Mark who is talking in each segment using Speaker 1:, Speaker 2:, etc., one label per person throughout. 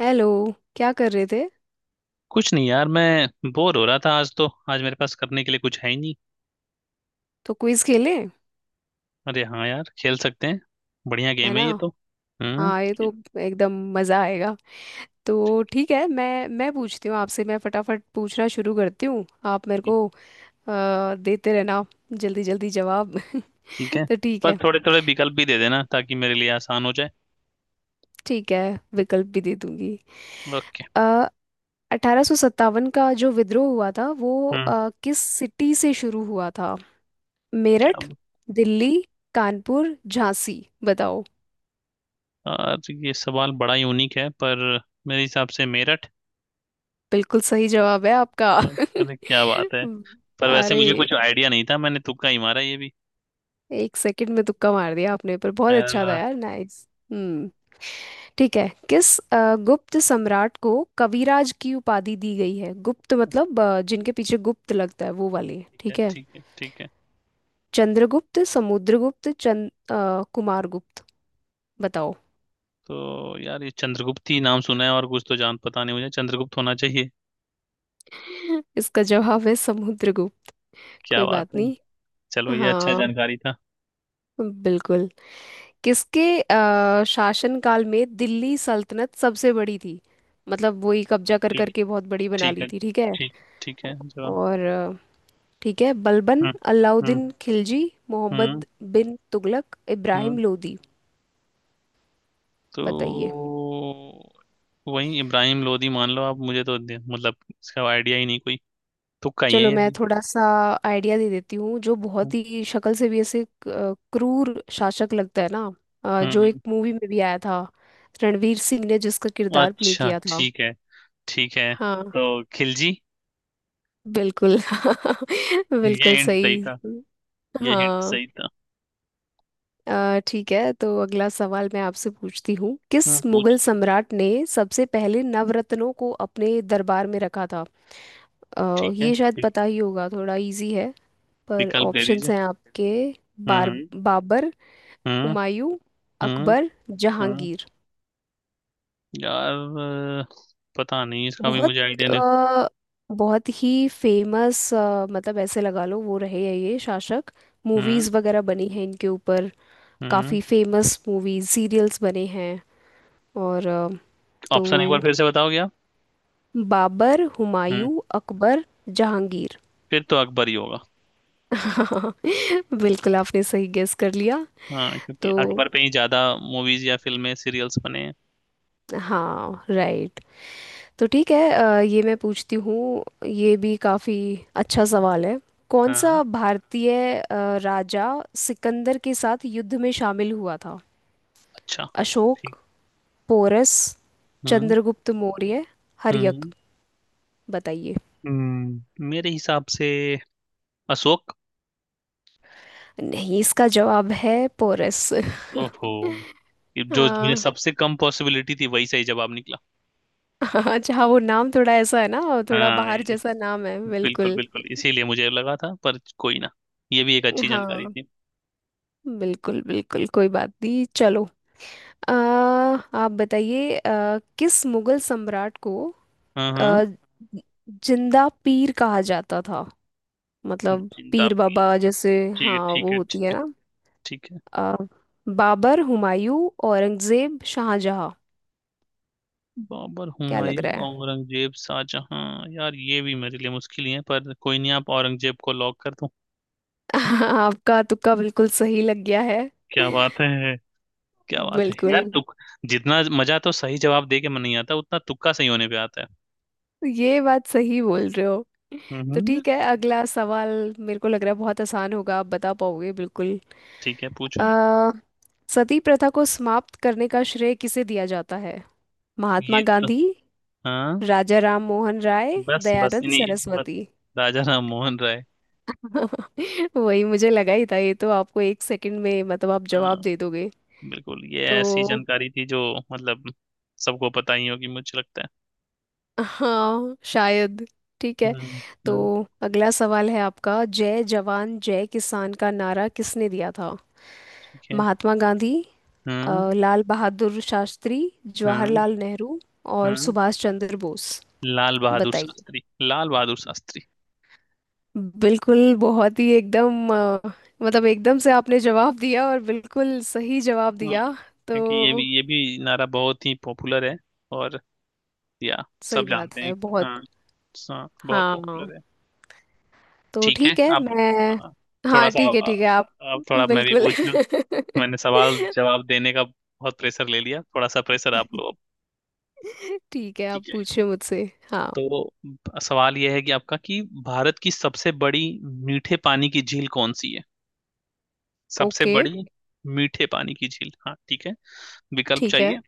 Speaker 1: Hello. क्या कर रहे थे?
Speaker 2: कुछ नहीं यार, मैं बोर हो रहा था। आज मेरे पास करने के लिए कुछ है ही नहीं।
Speaker 1: तो क्विज खेलें।
Speaker 2: अरे हाँ यार, खेल सकते हैं। बढ़िया
Speaker 1: है
Speaker 2: गेम है
Speaker 1: ना?
Speaker 2: ये तो। हम्म।
Speaker 1: हाँ ये
Speaker 2: ठी-
Speaker 1: तो एकदम। मज़ा आएगा। तो ठीक है, मैं पूछती हूँ आपसे। मैं फटाफट पूछना शुरू करती हूँ। आप मेरे को देते रहना जल्दी जल्दी जवाब
Speaker 2: ठीक है।
Speaker 1: तो ठीक
Speaker 2: पर
Speaker 1: है।
Speaker 2: थोड़े थोड़े विकल्प भी दे देना ताकि मेरे लिए आसान हो जाए।
Speaker 1: ठीक है, विकल्प भी दे दूंगी।
Speaker 2: ओके।
Speaker 1: 1857 का जो विद्रोह हुआ था वो
Speaker 2: हम्म।
Speaker 1: किस सिटी से शुरू हुआ था?
Speaker 2: क्या
Speaker 1: मेरठ,
Speaker 2: ब-
Speaker 1: दिल्ली, कानपुर, झांसी। बताओ।
Speaker 2: यार, ये सवाल बड़ा यूनिक है, पर मेरे हिसाब से मेरठ।
Speaker 1: बिल्कुल सही जवाब है आपका
Speaker 2: अरे क्या बात है। पर वैसे
Speaker 1: अरे!
Speaker 2: मुझे कुछ आइडिया नहीं था, मैंने तुक्का ही मारा ये भी।
Speaker 1: एक सेकंड में तुक्का मार दिया आपने, पर
Speaker 2: अ,
Speaker 1: बहुत अच्छा था यार। नाइस। हम्म। ठीक है, किस गुप्त सम्राट को कविराज की उपाधि दी गई है? गुप्त मतलब जिनके पीछे गुप्त लगता है वो वाले,
Speaker 2: ठीक है
Speaker 1: ठीक है।
Speaker 2: ठीक है ठीक है।
Speaker 1: चंद्रगुप्त, समुद्रगुप्त, कुमारगुप्त। बताओ।
Speaker 2: तो यार, ये चंद्रगुप्त ही नाम सुना है और कुछ तो जान, पता नहीं, मुझे चंद्रगुप्त होना चाहिए।
Speaker 1: इसका जवाब है समुद्रगुप्त।
Speaker 2: क्या
Speaker 1: कोई
Speaker 2: बात
Speaker 1: बात
Speaker 2: है।
Speaker 1: नहीं।
Speaker 2: चलो, ये अच्छा
Speaker 1: हाँ,
Speaker 2: जानकारी था।
Speaker 1: बिल्कुल। किसके शासनकाल में दिल्ली सल्तनत सबसे बड़ी थी? मतलब वही कब्जा कर
Speaker 2: ठीक।
Speaker 1: करके बहुत बड़ी बना
Speaker 2: ठीक
Speaker 1: ली
Speaker 2: है।
Speaker 1: थी, ठीक है।
Speaker 2: ठीक, ठीक है जरा।
Speaker 1: और ठीक है। बलबन,
Speaker 2: हम्म। हम्म।
Speaker 1: अलाउद्दीन खिलजी,
Speaker 2: हम्म।
Speaker 1: मोहम्मद बिन तुगलक,
Speaker 2: हम्म,
Speaker 1: इब्राहिम लोदी।
Speaker 2: तो
Speaker 1: बताइए।
Speaker 2: वही इब्राहिम लोधी मान लो आप, मुझे तो मतलब इसका आइडिया ही नहीं कोई। तुक्का ही है
Speaker 1: चलो
Speaker 2: ये
Speaker 1: मैं
Speaker 2: भी।
Speaker 1: थोड़ा सा आइडिया दे देती हूँ, जो
Speaker 2: हम्म।
Speaker 1: बहुत ही शक्ल से भी ऐसे क्रूर शासक लगता है ना। जो एक
Speaker 2: हम्म,
Speaker 1: मूवी में भी आया था, रणवीर सिंह ने जिसका किरदार प्ले
Speaker 2: अच्छा
Speaker 1: किया था।
Speaker 2: ठीक है। ठीक है,
Speaker 1: हाँ
Speaker 2: तो खिलजी।
Speaker 1: बिल्कुल
Speaker 2: ये
Speaker 1: बिल्कुल
Speaker 2: हिंट सही
Speaker 1: सही।
Speaker 2: था। ये हिंट
Speaker 1: हाँ,
Speaker 2: सही था।
Speaker 1: ठीक है, तो अगला सवाल मैं आपसे पूछती हूँ। किस
Speaker 2: हम्म,
Speaker 1: मुगल
Speaker 2: पूछ।
Speaker 1: सम्राट ने सबसे पहले नवरत्नों को अपने दरबार में रखा था?
Speaker 2: ठीक है।
Speaker 1: ये शायद
Speaker 2: वि-
Speaker 1: पता ही होगा, थोड़ा इजी है। पर
Speaker 2: विकल्प दे दीजिए।
Speaker 1: ऑप्शंस हैं आपके।
Speaker 2: हम्म।
Speaker 1: बार
Speaker 2: हम्म।
Speaker 1: बाबर,
Speaker 2: हम्म।
Speaker 1: हुमायूं,
Speaker 2: हम्म।
Speaker 1: अकबर,
Speaker 2: हम्म,
Speaker 1: जहांगीर।
Speaker 2: यार, अ, पता नहीं इसका भी
Speaker 1: बहुत
Speaker 2: मुझे आइडिया नहीं।
Speaker 1: अ, बहुत ही फेमस, मतलब ऐसे लगा लो वो रहे हैं ये शासक।
Speaker 2: हम्म।
Speaker 1: मूवीज वगैरह बनी हैं इनके ऊपर।
Speaker 2: हम्म।
Speaker 1: काफी फेमस मूवीज सीरियल्स बने हैं। और तो
Speaker 2: ऑप्शन एक बार फिर से बताओगे आप?
Speaker 1: बाबर,
Speaker 2: हम्म।
Speaker 1: हुमायूं, अकबर, जहांगीर।
Speaker 2: फिर तो अकबर ही होगा।
Speaker 1: बिल्कुल, आपने सही गेस कर लिया।
Speaker 2: हाँ, क्योंकि
Speaker 1: तो
Speaker 2: अकबर पे ही ज्यादा मूवीज या फिल्में सीरियल्स बने हैं।
Speaker 1: हाँ, राइट। तो ठीक है, ये मैं पूछती हूँ, ये भी काफ़ी अच्छा सवाल है। कौन
Speaker 2: हाँ।
Speaker 1: सा भारतीय राजा सिकंदर के साथ युद्ध में शामिल हुआ था?
Speaker 2: अच्छा।
Speaker 1: अशोक,
Speaker 2: ठीक।
Speaker 1: पोरस,
Speaker 2: हम्म।
Speaker 1: चंद्रगुप्त मौर्य, हर्यक।
Speaker 2: हम्म।
Speaker 1: बताइए।
Speaker 2: हम्म, मेरे हिसाब से अशोक।
Speaker 1: नहीं, इसका जवाब है पोरस।
Speaker 2: ओहो। ये जो मुझे सबसे कम पॉसिबिलिटी थी वही सही जवाब निकला।
Speaker 1: अच्छा, हाँ, अच्छा वो नाम थोड़ा ऐसा है ना, थोड़ा
Speaker 2: हाँ,
Speaker 1: बाहर जैसा नाम है
Speaker 2: बिल्कुल
Speaker 1: बिल्कुल।
Speaker 2: बिल्कुल इसीलिए मुझे लगा था, पर कोई ना। ये भी एक अच्छी जानकारी
Speaker 1: हाँ,
Speaker 2: थी।
Speaker 1: बिल्कुल बिल्कुल कोई बात नहीं, चलो। आप बताइए, किस मुगल सम्राट को
Speaker 2: हाँ। हाँ,
Speaker 1: आ, जिंदा पीर कहा जाता था? मतलब
Speaker 2: जिंदा
Speaker 1: पीर
Speaker 2: पीर।
Speaker 1: बाबा जैसे।
Speaker 2: ठीक है
Speaker 1: हाँ,
Speaker 2: ठीक
Speaker 1: वो
Speaker 2: है
Speaker 1: होती
Speaker 2: ठीक
Speaker 1: है
Speaker 2: है।
Speaker 1: ना।
Speaker 2: ठीक है।
Speaker 1: आ, बाबर, हुमायूं, औरंगजेब, शाहजहां।
Speaker 2: बाबर,
Speaker 1: क्या लग रहा
Speaker 2: हुमायूं,
Speaker 1: है?
Speaker 2: औरंगजेब, शाहजहां। यार, ये भी मेरे लिए मुश्किल ही है, पर कोई नहीं, आप औरंगजेब को लॉक कर दो।
Speaker 1: आपका तुक्का बिल्कुल सही लग गया है।
Speaker 2: क्या बात है। क्या बात है
Speaker 1: बिल्कुल।
Speaker 2: यार तुक जितना मजा तो सही जवाब दे के मन नहीं आता, उतना तुक्का सही होने पे आता है।
Speaker 1: ये बात सही बोल रहे हो। तो
Speaker 2: हम्म।
Speaker 1: ठीक है, अगला सवाल। मेरे को लग रहा है बहुत आसान होगा, आप बता पाओगे बिल्कुल।
Speaker 2: ठीक है, पूछो।
Speaker 1: अ, सती प्रथा को समाप्त करने का श्रेय किसे दिया जाता है? महात्मा
Speaker 2: ये तो।
Speaker 1: गांधी,
Speaker 2: हाँ,
Speaker 1: राजा राम मोहन राय,
Speaker 2: बस बस,
Speaker 1: दयानंद
Speaker 2: इन्हीं बस
Speaker 1: सरस्वती।
Speaker 2: राजा राम मोहन राय।
Speaker 1: वही मुझे लगा ही था, ये तो आपको एक सेकंड में, मतलब आप जवाब
Speaker 2: हाँ,
Speaker 1: दे दोगे।
Speaker 2: बिल्कुल, ये ऐसी
Speaker 1: तो
Speaker 2: जानकारी थी जो, मतलब, सबको पता ही होगी मुझे लगता है।
Speaker 1: हाँ शायद। ठीक है।
Speaker 2: हम्म।
Speaker 1: तो
Speaker 2: हम्म।
Speaker 1: अगला सवाल है आपका, जय जवान जय किसान का नारा किसने दिया था?
Speaker 2: ठीक है।
Speaker 1: महात्मा गांधी,
Speaker 2: हाँ
Speaker 1: लाल बहादुर शास्त्री,
Speaker 2: हाँ
Speaker 1: जवाहरलाल नेहरू, और
Speaker 2: हाँ।
Speaker 1: सुभाष चंद्र बोस।
Speaker 2: लाल बहादुर
Speaker 1: बताइए।
Speaker 2: शास्त्री, लाल बहादुर शास्त्री।
Speaker 1: बिल्कुल, बहुत ही एकदम, मतलब एकदम से आपने जवाब दिया, और बिल्कुल सही जवाब
Speaker 2: हाँ,
Speaker 1: दिया।
Speaker 2: क्योंकि ये भी
Speaker 1: तो
Speaker 2: ये भी नारा बहुत ही पॉपुलर है। और, या
Speaker 1: सही
Speaker 2: सब
Speaker 1: बात
Speaker 2: जानते हैं।
Speaker 1: है बहुत।
Speaker 2: हाँ। हाँ, बहुत
Speaker 1: हाँ।
Speaker 2: पॉपुलर है।
Speaker 1: तो
Speaker 2: ठीक है,
Speaker 1: ठीक है,
Speaker 2: अब
Speaker 1: मैं,
Speaker 2: आ, थोड़ा
Speaker 1: हाँ
Speaker 2: सा,
Speaker 1: ठीक है,
Speaker 2: आ,
Speaker 1: ठीक है, आप
Speaker 2: अब थोड़ा मैं भी
Speaker 1: बिल्कुल
Speaker 2: पूछ लूं। मैंने सवाल जवाब देने का बहुत प्रेशर ले लिया, थोड़ा सा प्रेशर आप लो अब।
Speaker 1: ठीक है, आप
Speaker 2: ठीक है,
Speaker 1: पूछिए मुझसे। हाँ।
Speaker 2: तो सवाल यह है कि आपका, कि भारत की सबसे बड़ी मीठे पानी की झील कौन सी है? सबसे
Speaker 1: ओके।
Speaker 2: बड़ी मीठे पानी की झील, हाँ ठीक है, विकल्प
Speaker 1: ठीक है।
Speaker 2: चाहिए?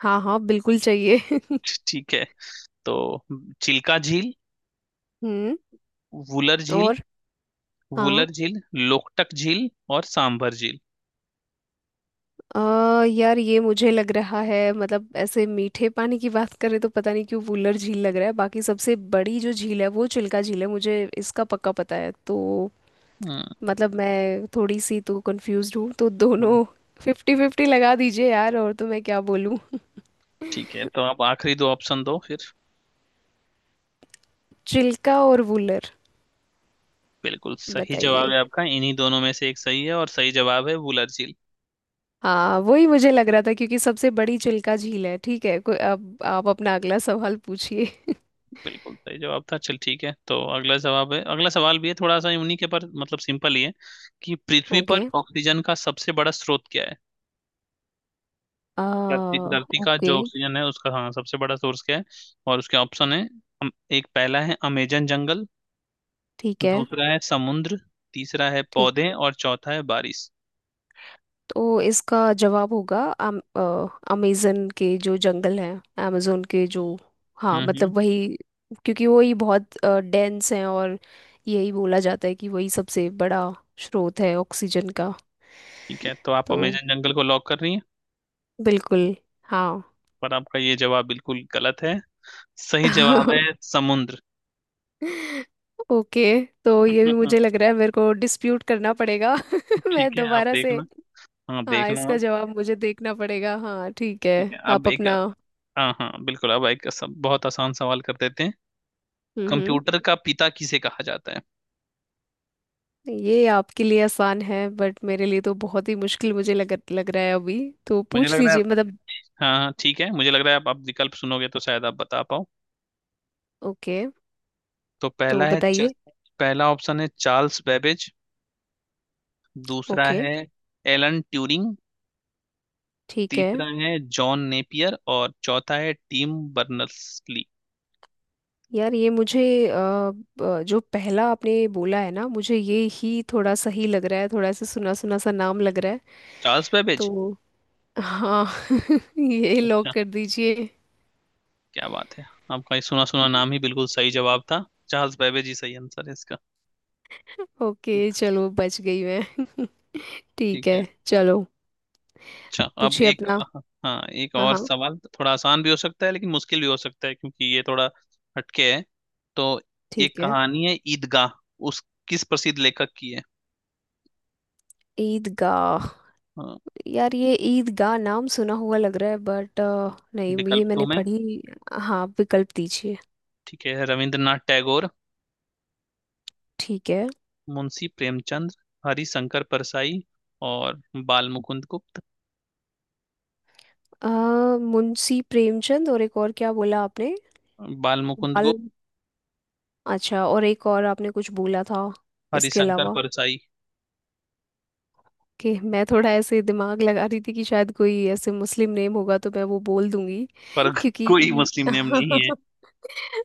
Speaker 1: हाँ हाँ, बिल्कुल चाहिए
Speaker 2: ठीक है, तो चिल्का झील,
Speaker 1: हम्म।
Speaker 2: वुलर झील,
Speaker 1: और। हाँ।
Speaker 2: वुलर झील, लोकटक झील और सांभर झील।
Speaker 1: अ यार, ये मुझे लग रहा है, मतलब ऐसे मीठे पानी की बात करें तो पता नहीं क्यों वुलर झील लग रहा है, बाकी सबसे बड़ी जो झील है वो चिल्का झील है, मुझे इसका पक्का पता है। तो
Speaker 2: हम्म।
Speaker 1: मतलब मैं थोड़ी सी तो कंफ्यूज हूँ, तो
Speaker 2: हम्म,
Speaker 1: दोनों 50-50 लगा दीजिए यार, और तो मैं क्या बोलूँ?
Speaker 2: ठीक है, तो आप आखिरी दो ऑप्शन दो फिर।
Speaker 1: चिल्का और वुलर।
Speaker 2: बिल्कुल सही जवाब
Speaker 1: बताइए।
Speaker 2: है आपका, इन्हीं दोनों में से एक सही है और सही जवाब है वुलर झील।
Speaker 1: हाँ, वही मुझे लग रहा था, क्योंकि सबसे बड़ी चिल्का झील है। ठीक है, कोई, अब आप अपना अगला सवाल पूछिए
Speaker 2: बिल्कुल सही जवाब था। चल ठीक है, तो अगला जवाब है, अगला सवाल भी है, थोड़ा सा यूनिक है पर मतलब सिंपल ही है। कि पृथ्वी पर
Speaker 1: ओके।
Speaker 2: ऑक्सीजन का सबसे बड़ा स्रोत क्या है?
Speaker 1: आ।
Speaker 2: क्या धरती, धरती का
Speaker 1: ओके।
Speaker 2: जो ऑक्सीजन है उसका, हाँ, सबसे बड़ा सोर्स क्या है? और उसके ऑप्शन है। अम- एक, पहला है अमेजन जंगल,
Speaker 1: ठीक है।
Speaker 2: दूसरा है समुद्र, तीसरा है
Speaker 1: ठीक।
Speaker 2: पौधे और चौथा है बारिश।
Speaker 1: तो इसका जवाब होगा अमेजन के जो जंगल हैं, अमेजोन के जो, हाँ
Speaker 2: हम्म। हम्म,
Speaker 1: मतलब वही, क्योंकि वही बहुत डेंस हैं, और यही बोला जाता है कि वही सबसे बड़ा स्रोत है ऑक्सीजन का।
Speaker 2: ठीक है, तो आप
Speaker 1: तो
Speaker 2: अमेजन जंगल को लॉक कर रही हैं?
Speaker 1: बिल्कुल हाँ।
Speaker 2: पर आपका ये जवाब बिल्कुल गलत है। सही जवाब है समुद्र।
Speaker 1: ओके। तो ये भी मुझे लग रहा है, मेरे को डिस्प्यूट करना पड़ेगा मैं
Speaker 2: ठीक है, आप
Speaker 1: दोबारा से,
Speaker 2: देखना। हाँ,
Speaker 1: हाँ
Speaker 2: देखना
Speaker 1: इसका
Speaker 2: आप।
Speaker 1: जवाब मुझे देखना पड़ेगा, हाँ ठीक है।
Speaker 2: ठीक है, अब
Speaker 1: आप
Speaker 2: एक,
Speaker 1: अपना।
Speaker 2: हाँ हाँ बिल्कुल, अब एक सब बहुत आसान सवाल कर देते हैं।
Speaker 1: हम्म हम्म।
Speaker 2: कंप्यूटर का पिता किसे कहा जाता है?
Speaker 1: ये आपके लिए आसान है, बट मेरे लिए तो बहुत ही मुश्किल मुझे लग लग रहा है अभी। तो
Speaker 2: मुझे लग
Speaker 1: पूछ
Speaker 2: रहा है,
Speaker 1: लीजिए मतलब।
Speaker 2: हाँ हाँ, ठीक है, मुझे लग रहा है आप विकल्प सुनोगे तो शायद आप बता पाओ।
Speaker 1: ओके।
Speaker 2: तो पहला
Speaker 1: तो
Speaker 2: है
Speaker 1: बताइए।
Speaker 2: पहला ऑप्शन है चार्ल्स बेबेज, दूसरा
Speaker 1: ओके।
Speaker 2: है एलन ट्यूरिंग,
Speaker 1: ठीक है।
Speaker 2: तीसरा है जॉन नेपियर और चौथा है टीम बर्नर्स ली।
Speaker 1: यार, ये मुझे अ, जो पहला आपने बोला है ना, मुझे ये ही थोड़ा सा ही लग रहा है, थोड़ा सा सुना सुना सा नाम लग रहा है।
Speaker 2: Charles Babbage.
Speaker 1: तो हाँ ये
Speaker 2: अच्छा,
Speaker 1: लॉक कर दीजिए।
Speaker 2: क्या बात है, आपका ये सुना सुना नाम ही बिल्कुल सही जवाब था। चार्ल्स बेबेज ही सही आंसर है इसका।
Speaker 1: ओके। चलो, बच गई मैं ठीक
Speaker 2: ठीक
Speaker 1: है,
Speaker 2: है।
Speaker 1: चलो।
Speaker 2: अच्छा, अब
Speaker 1: पूछिए
Speaker 2: एक,
Speaker 1: अपना।
Speaker 2: हाँ, एक
Speaker 1: हाँ
Speaker 2: और
Speaker 1: हाँ,
Speaker 2: सवाल। थोड़ा आसान भी हो सकता है लेकिन मुश्किल भी हो सकता है, क्योंकि ये थोड़ा हटके है। तो एक
Speaker 1: ठीक है।
Speaker 2: कहानी है ईदगाह, उस, किस प्रसिद्ध लेखक की है?
Speaker 1: ईदगाह।
Speaker 2: हाँ,
Speaker 1: यार, ये ईदगाह नाम सुना हुआ लग रहा है, बट नहीं,
Speaker 2: विकल्प
Speaker 1: ये
Speaker 2: दो
Speaker 1: मैंने
Speaker 2: मैं?
Speaker 1: पढ़ी। हाँ, विकल्प दीजिए।
Speaker 2: ठीक है, रविंद्रनाथ टैगोर,
Speaker 1: ठीक है।
Speaker 2: मुंशी प्रेमचंद, हरिशंकर परसाई और बाल मुकुंद गुप्त।
Speaker 1: अ, मुंशी प्रेमचंद और एक और क्या बोला आपने?
Speaker 2: बाल मुकुंद
Speaker 1: बाल।
Speaker 2: गुप्त,
Speaker 1: अच्छा, और एक और आपने कुछ बोला था इसके
Speaker 2: हरिशंकर
Speaker 1: अलावा?
Speaker 2: परसाई।
Speaker 1: कि मैं थोड़ा ऐसे दिमाग लगा रही थी कि शायद कोई ऐसे मुस्लिम नेम होगा तो मैं वो बोल दूंगी
Speaker 2: पर
Speaker 1: क्योंकि
Speaker 2: कोई मुस्लिम नेम नहीं है।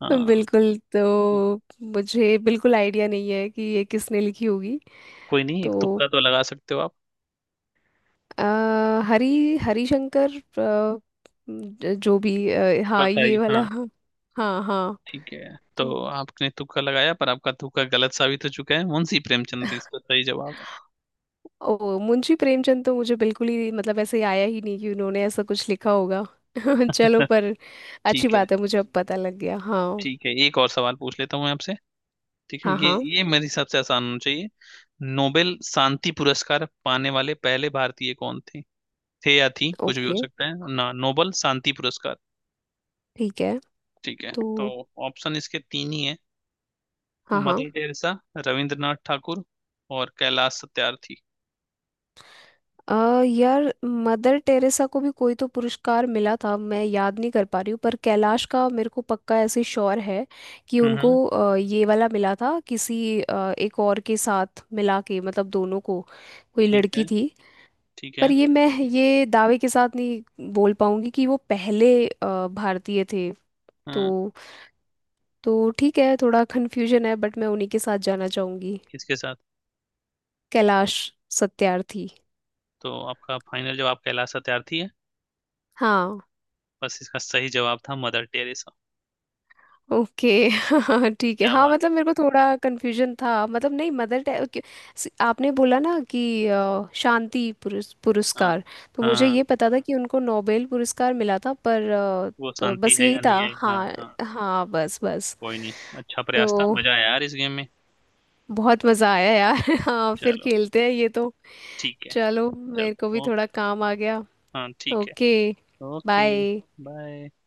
Speaker 2: हाँ।
Speaker 1: बिल्कुल, तो मुझे बिल्कुल आइडिया नहीं है कि ये किसने लिखी होगी।
Speaker 2: कोई नहीं, एक
Speaker 1: तो
Speaker 2: तुक्का तो लगा सकते हो आप।
Speaker 1: अ, हरी हरिशंकर जो भी हाँ, ये
Speaker 2: परसाई,
Speaker 1: वाला
Speaker 2: हाँ।
Speaker 1: हाँ हाँ हाँ।
Speaker 2: ठीक है, तो आपने तुक्का लगाया पर आपका तुक्का गलत साबित हो चुका है, मुंशी प्रेमचंद इसका सही जवाब है।
Speaker 1: ओ मुंशी प्रेमचंद, तो मुझे बिल्कुल ही, मतलब ऐसे आया ही नहीं कि उन्होंने ऐसा कुछ लिखा होगा चलो, पर अच्छी
Speaker 2: ठीक है।
Speaker 1: बात है, मुझे अब पता लग गया, हाँ।
Speaker 2: ठीक है, एक और सवाल पूछ लेता हूँ मैं आपसे। ठीक है,
Speaker 1: हाँ
Speaker 2: ये
Speaker 1: हाँ।
Speaker 2: ये मेरे हिसाब से आसान होना चाहिए। नोबेल शांति पुरस्कार पाने वाले पहले भारतीय कौन थे? थे या थी, कुछ भी हो
Speaker 1: ओके,
Speaker 2: सकता है ना, नोबल शांति पुरस्कार।
Speaker 1: ठीक है।
Speaker 2: ठीक है,
Speaker 1: तो
Speaker 2: तो ऑप्शन इसके तीन ही है।
Speaker 1: हाँ हाँ।
Speaker 2: मदर टेरेसा, रविंद्रनाथ ठाकुर और कैलाश सत्यार्थी।
Speaker 1: यार, मदर टेरेसा को भी कोई तो पुरस्कार मिला था, मैं याद नहीं कर पा रही हूँ, पर कैलाश का मेरे को पक्का ऐसे श्योर है कि
Speaker 2: हम्म।
Speaker 1: उनको ये वाला मिला था किसी एक और के साथ मिला के, मतलब दोनों को। कोई
Speaker 2: ठीक है।
Speaker 1: लड़की थी।
Speaker 2: ठीक
Speaker 1: पर
Speaker 2: है,
Speaker 1: ये मैं ये दावे के साथ नहीं बोल पाऊंगी कि वो पहले भारतीय थे।
Speaker 2: हाँ,
Speaker 1: तो तो ठीक है, थोड़ा कन्फ्यूजन है, बट मैं उन्हीं के साथ जाना चाहूंगी।
Speaker 2: इसके साथ।
Speaker 1: कैलाश सत्यार्थी।
Speaker 2: तो आपका फाइनल जवाब कैलाश सत्यार्थी है।
Speaker 1: हाँ।
Speaker 2: बस, इसका सही जवाब था मदर टेरेसा।
Speaker 1: ओके ठीक है।
Speaker 2: क्या
Speaker 1: हाँ,
Speaker 2: बात।
Speaker 1: मतलब मेरे को थोड़ा कंफ्यूजन था, मतलब नहीं, मदर टेरेसा आपने बोला ना कि शांति
Speaker 2: हाँ
Speaker 1: पुरस्कार। तो
Speaker 2: हाँ
Speaker 1: मुझे
Speaker 2: हाँ,
Speaker 1: ये पता था कि उनको नोबेल पुरस्कार मिला था, पर
Speaker 2: वो
Speaker 1: तो
Speaker 2: शांति
Speaker 1: बस
Speaker 2: है
Speaker 1: यही
Speaker 2: या नहीं
Speaker 1: था
Speaker 2: है, हाँ
Speaker 1: हाँ।
Speaker 2: हाँ।
Speaker 1: हाँ बस बस।
Speaker 2: कोई नहीं, अच्छा
Speaker 1: तो
Speaker 2: प्रयास था, मजा आया यार इस गेम में।
Speaker 1: बहुत मज़ा आया यार हाँ फिर
Speaker 2: चलो।
Speaker 1: खेलते हैं ये तो।
Speaker 2: ठीक है।
Speaker 1: चलो, मेरे को भी
Speaker 2: चलो, ओके।
Speaker 1: थोड़ा काम आ गया।
Speaker 2: हाँ, ठीक है।
Speaker 1: ओके।
Speaker 2: ओके।
Speaker 1: बाय।
Speaker 2: बाय।